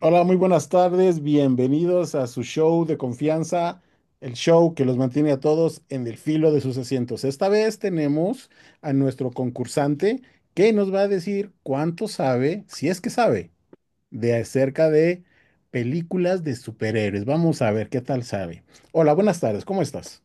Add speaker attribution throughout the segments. Speaker 1: Hola, muy buenas tardes. Bienvenidos a su show de confianza, el show que los mantiene a todos en el filo de sus asientos. Esta vez tenemos a nuestro concursante que nos va a decir cuánto sabe, si es que sabe, de acerca de películas de superhéroes. Vamos a ver qué tal sabe. Hola, buenas tardes. ¿Cómo estás?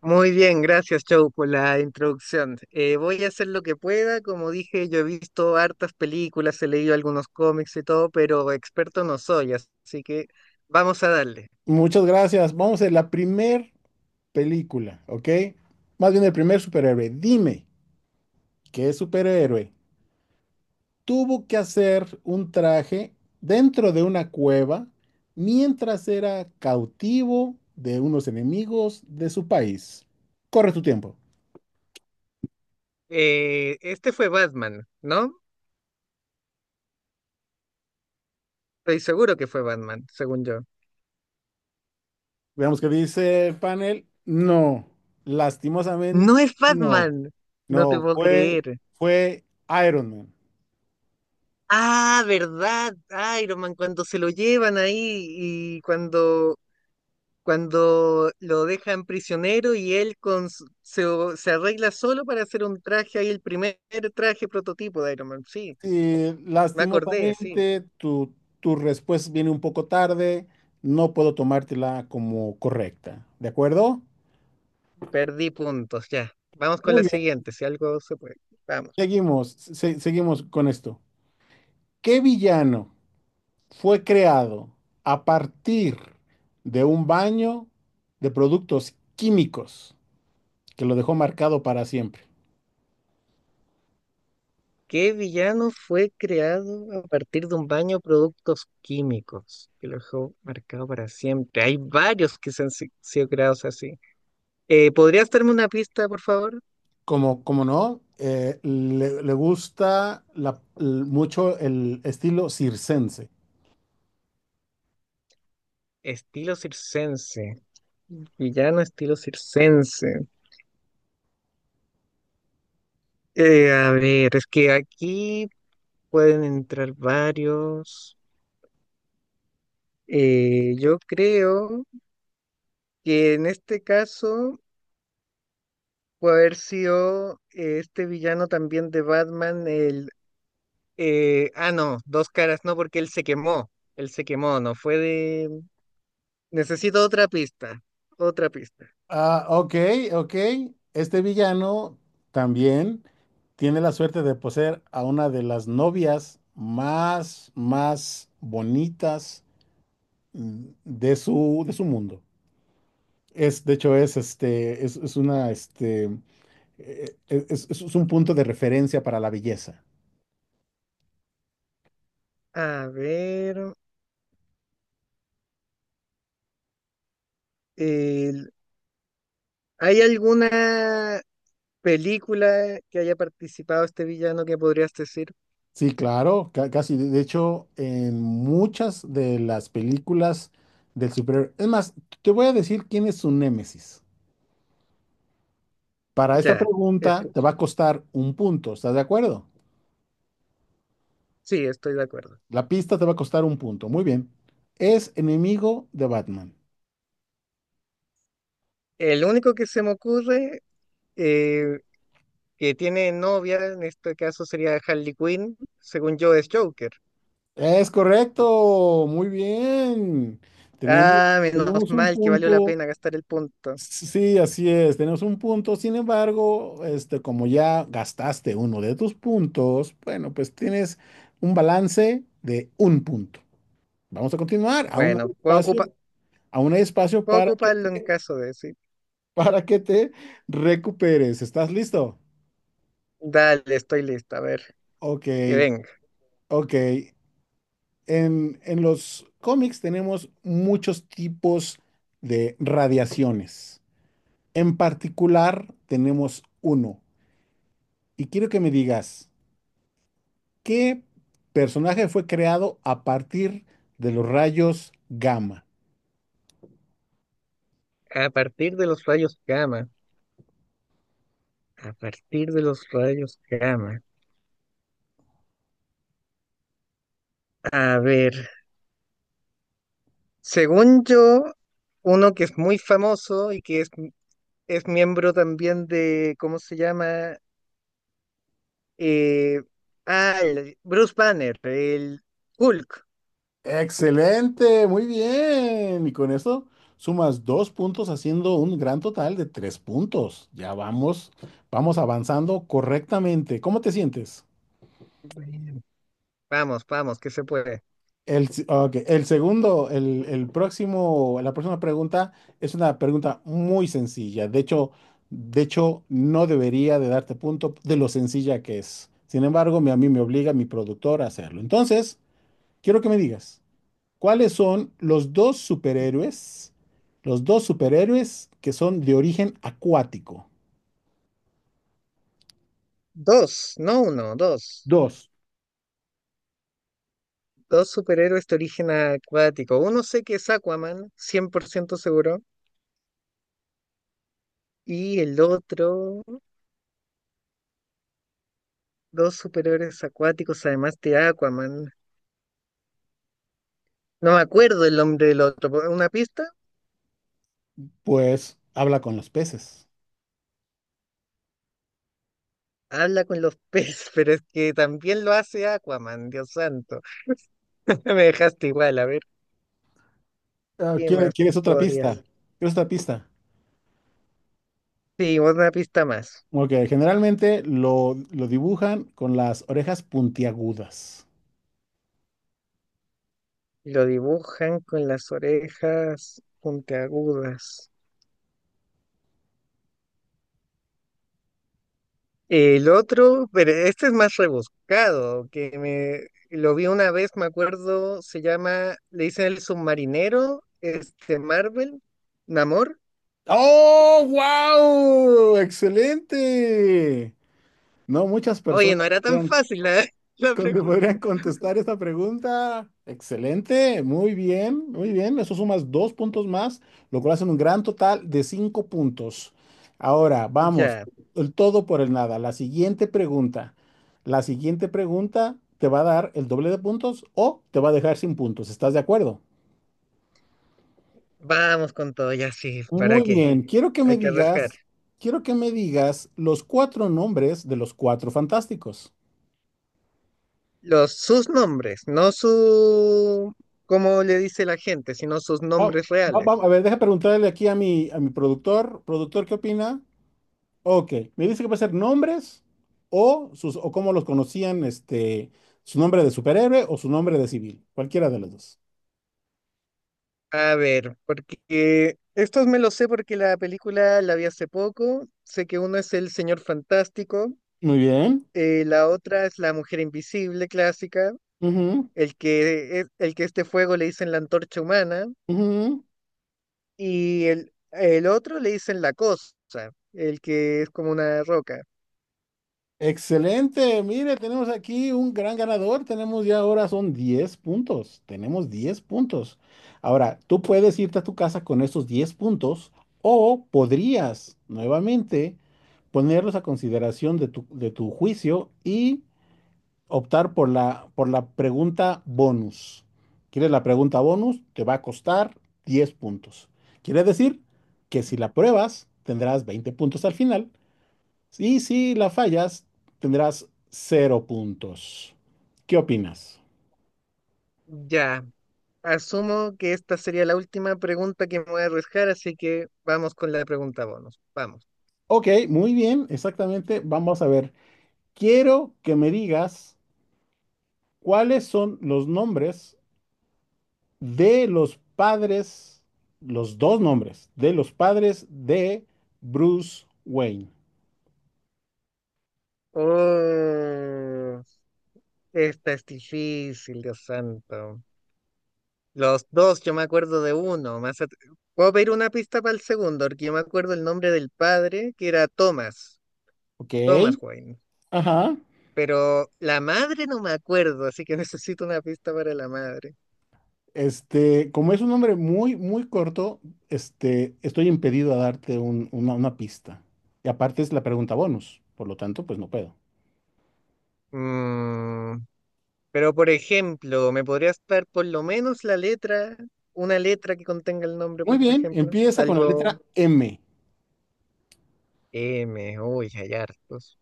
Speaker 2: Muy bien, gracias, Joe, por la introducción. Voy a hacer lo que pueda. Como dije, yo he visto hartas películas, he leído algunos cómics y todo, pero experto no soy, así que vamos a darle.
Speaker 1: Muchas gracias. Vamos a la primer película, ¿ok? Más bien el primer superhéroe. Dime, ¿qué superhéroe tuvo que hacer un traje dentro de una cueva mientras era cautivo de unos enemigos de su país? Corre tu tiempo.
Speaker 2: Este fue Batman, ¿no? Estoy seguro que fue Batman, según yo.
Speaker 1: Veamos qué dice el panel. No,
Speaker 2: No
Speaker 1: lastimosamente
Speaker 2: es
Speaker 1: no.
Speaker 2: Batman, no te
Speaker 1: No,
Speaker 2: puedo
Speaker 1: fue,
Speaker 2: creer.
Speaker 1: fue Iron Man.
Speaker 2: Ah, ¿verdad? Iron Man, cuando se lo llevan ahí y cuando lo dejan prisionero y él con, se arregla solo para hacer un traje ahí, el primer traje prototipo de Iron Man. Sí,
Speaker 1: Sí,
Speaker 2: me acordé, sí,
Speaker 1: lastimosamente tu respuesta viene un poco tarde. No puedo tomártela como correcta. ¿De acuerdo?
Speaker 2: perdí puntos, ya. Vamos con
Speaker 1: Muy
Speaker 2: la
Speaker 1: bien,
Speaker 2: siguiente, si algo se puede. Vamos.
Speaker 1: seguimos, seguimos con esto. ¿Qué villano fue creado a partir de un baño de productos químicos que lo dejó marcado para siempre?
Speaker 2: ¿Qué villano fue creado a partir de un baño de productos químicos? Que lo dejó marcado para siempre. Hay varios que se han sido creados así. ¿Podrías darme una pista, por favor?
Speaker 1: Como no, le gusta mucho el estilo circense.
Speaker 2: Estilo circense. Villano estilo circense. A ver, es que aquí pueden entrar varios. Yo creo que en este caso puede haber sido este villano también de Batman, el... no, dos caras, no, porque él se quemó. Él se quemó, no fue de... Necesito otra pista, otra pista.
Speaker 1: Ah, ok, ok. Este villano también tiene la suerte de poseer a una de las novias más, más bonitas de su mundo. De hecho, es un punto de referencia para la belleza.
Speaker 2: A ver, el- ¿hay alguna película que haya participado este villano que podrías decir?
Speaker 1: Sí, claro, casi. De hecho, en muchas de las películas del superhéroe. Es más, te voy a decir quién es su némesis. Para esta
Speaker 2: Ya.
Speaker 1: pregunta te va a costar un punto, ¿estás de acuerdo?
Speaker 2: Sí, estoy de acuerdo.
Speaker 1: La pista te va a costar un punto. Muy bien. Es enemigo de Batman.
Speaker 2: El único que se me ocurre eh, que tiene novia, en este caso sería Harley Quinn, según yo es Joker.
Speaker 1: Es correcto. Muy bien. Tenemos,
Speaker 2: Ah, menos
Speaker 1: tenemos un
Speaker 2: mal que valió la
Speaker 1: punto.
Speaker 2: pena gastar el punto.
Speaker 1: Sí, así es. Tenemos un punto. Sin embargo, como ya gastaste uno de tus puntos, bueno, pues tienes un balance de un punto. Vamos a continuar. Aún hay
Speaker 2: Bueno,
Speaker 1: espacio, aún hay espacio
Speaker 2: puedo
Speaker 1: para que,
Speaker 2: ocuparlo en caso de sí.
Speaker 1: para que te recuperes. ¿Estás listo?
Speaker 2: Dale, estoy lista, a ver,
Speaker 1: Ok,
Speaker 2: que venga.
Speaker 1: ok. En los cómics tenemos muchos tipos de radiaciones. En particular, tenemos uno. Y quiero que me digas, ¿qué personaje fue creado a partir de los rayos gamma?
Speaker 2: A partir de los rayos gamma, a partir de los rayos gamma. A ver, según yo, uno que es muy famoso y que es miembro también de, ¿cómo se llama? Eh, Bruce Banner, el Hulk.
Speaker 1: Excelente, muy bien. Y con eso sumas dos puntos, haciendo un gran total de tres puntos. Ya vamos, vamos avanzando correctamente. ¿Cómo te sientes?
Speaker 2: Bueno. Vamos, vamos, que se puede.
Speaker 1: Ok, el segundo, el próximo, la próxima pregunta es una pregunta muy sencilla. De hecho, no debería de darte punto de lo sencilla que es. Sin embargo, a mí me obliga mi productor a hacerlo. Entonces, quiero que me digas, ¿cuáles son los dos superhéroes que son de origen acuático?
Speaker 2: Dos, no uno, dos.
Speaker 1: Dos,
Speaker 2: Dos superhéroes de origen acuático. Uno sé que es Aquaman, 100% seguro. Y el otro, dos superhéroes acuáticos, además de Aquaman. No me acuerdo el nombre del otro. ¿Una pista?
Speaker 1: pues habla con los peces.
Speaker 2: Habla con los peces, pero es que también lo hace Aquaman, Dios santo. Me dejaste igual, a ver, ¿qué más
Speaker 1: ¿Quieres otra pista?
Speaker 2: podrías?
Speaker 1: ¿Quieres otra pista?
Speaker 2: Sí, una pista más.
Speaker 1: Ok, generalmente lo dibujan con las orejas puntiagudas.
Speaker 2: Lo dibujan con las orejas puntiagudas. El otro, pero este es más rebuscado, que me lo vi una vez, me acuerdo, se llama, le dicen el submarinero, este Marvel, Namor.
Speaker 1: ¡Oh, wow! ¡Excelente! No muchas
Speaker 2: Oye,
Speaker 1: personas
Speaker 2: no era tan
Speaker 1: podrían,
Speaker 2: fácil la, la pregunta.
Speaker 1: podrían contestar esta pregunta. Excelente, muy bien, muy bien. Eso sumas dos puntos más, lo cual hace un gran total de cinco puntos. Ahora, vamos,
Speaker 2: Ya,
Speaker 1: el todo por el nada. La siguiente pregunta te va a dar el doble de puntos o te va a dejar sin puntos. ¿Estás de acuerdo?
Speaker 2: vamos con todo, ya sí, ¿para
Speaker 1: Muy
Speaker 2: qué?
Speaker 1: bien, quiero que me
Speaker 2: Hay que arriesgar.
Speaker 1: digas, quiero que me digas los cuatro nombres de los cuatro fantásticos.
Speaker 2: Los, sus nombres, no su, como le dice la gente, sino sus
Speaker 1: Oh,
Speaker 2: nombres reales.
Speaker 1: a ver, deja preguntarle aquí a mi productor. Productor, ¿qué opina? Ok, me dice que va a ser nombres o sus, o cómo los conocían, su nombre de superhéroe o su nombre de civil, cualquiera de los dos.
Speaker 2: A ver, porque estos me los sé porque la película la vi hace poco. Sé que uno es el Señor Fantástico,
Speaker 1: Muy bien.
Speaker 2: la otra es la Mujer Invisible clásica,
Speaker 1: Ujú,
Speaker 2: el que, el que este fuego le dicen la antorcha humana,
Speaker 1: ujú.
Speaker 2: y el otro le dicen la cosa, el que es como una roca.
Speaker 1: Excelente, mire, tenemos aquí un gran ganador, tenemos ya ahora son 10 puntos, tenemos 10 puntos. Ahora, tú puedes irte a tu casa con estos 10 puntos o podrías nuevamente ponerlos a consideración de tu juicio y optar por la pregunta bonus. ¿Quieres la pregunta bonus? Te va a costar 10 puntos. Quiere decir que si la pruebas, tendrás 20 puntos al final. Y si la fallas, tendrás cero puntos. ¿Qué opinas?
Speaker 2: Ya, asumo que esta sería la última pregunta que me voy a arriesgar, así que vamos con la pregunta bonus. Vamos.
Speaker 1: Ok, muy bien, exactamente. Vamos a ver. Quiero que me digas cuáles son los nombres de los padres, los dos nombres de los padres de Bruce Wayne.
Speaker 2: Oh. Esta es difícil, Dios santo. Los dos, yo me acuerdo de uno. Más at- Puedo pedir una pista para el segundo, porque yo me acuerdo el nombre del padre, que era Thomas,
Speaker 1: Ok,
Speaker 2: Thomas Wayne.
Speaker 1: ajá.
Speaker 2: Pero la madre no me acuerdo, así que necesito una pista para la madre.
Speaker 1: Como es un nombre muy, muy corto, estoy impedido a darte una pista. Y aparte es la pregunta bonus, por lo tanto, pues no puedo.
Speaker 2: Mm, pero por ejemplo, ¿me podrías dar por lo menos la letra, una letra que contenga el nombre, por
Speaker 1: Muy bien,
Speaker 2: ejemplo?
Speaker 1: empieza con la
Speaker 2: Algo
Speaker 1: letra M.
Speaker 2: M, uy, hay hartos.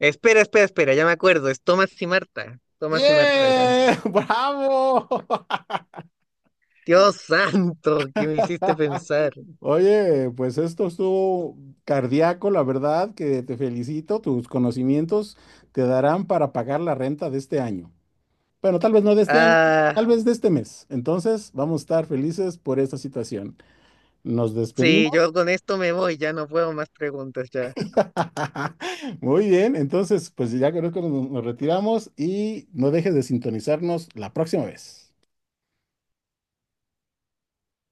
Speaker 2: Espera, espera, espera, ya me acuerdo, es Thomas y Marta. Thomas y Marta eran.
Speaker 1: ¡Bien! ¡Bravo!
Speaker 2: Dios santo, que me hiciste pensar.
Speaker 1: Oye, pues esto estuvo cardíaco, la verdad, que te felicito. Tus conocimientos te darán para pagar la renta de este año. Bueno, tal vez no de este año,
Speaker 2: Ah,
Speaker 1: tal vez de este mes. Entonces, vamos a estar felices por esta situación. Nos
Speaker 2: sí,
Speaker 1: despedimos.
Speaker 2: yo con esto me voy, ya no puedo más preguntas ya.
Speaker 1: Muy bien, entonces, pues ya creo que nos retiramos y no dejes de sintonizarnos la próxima vez.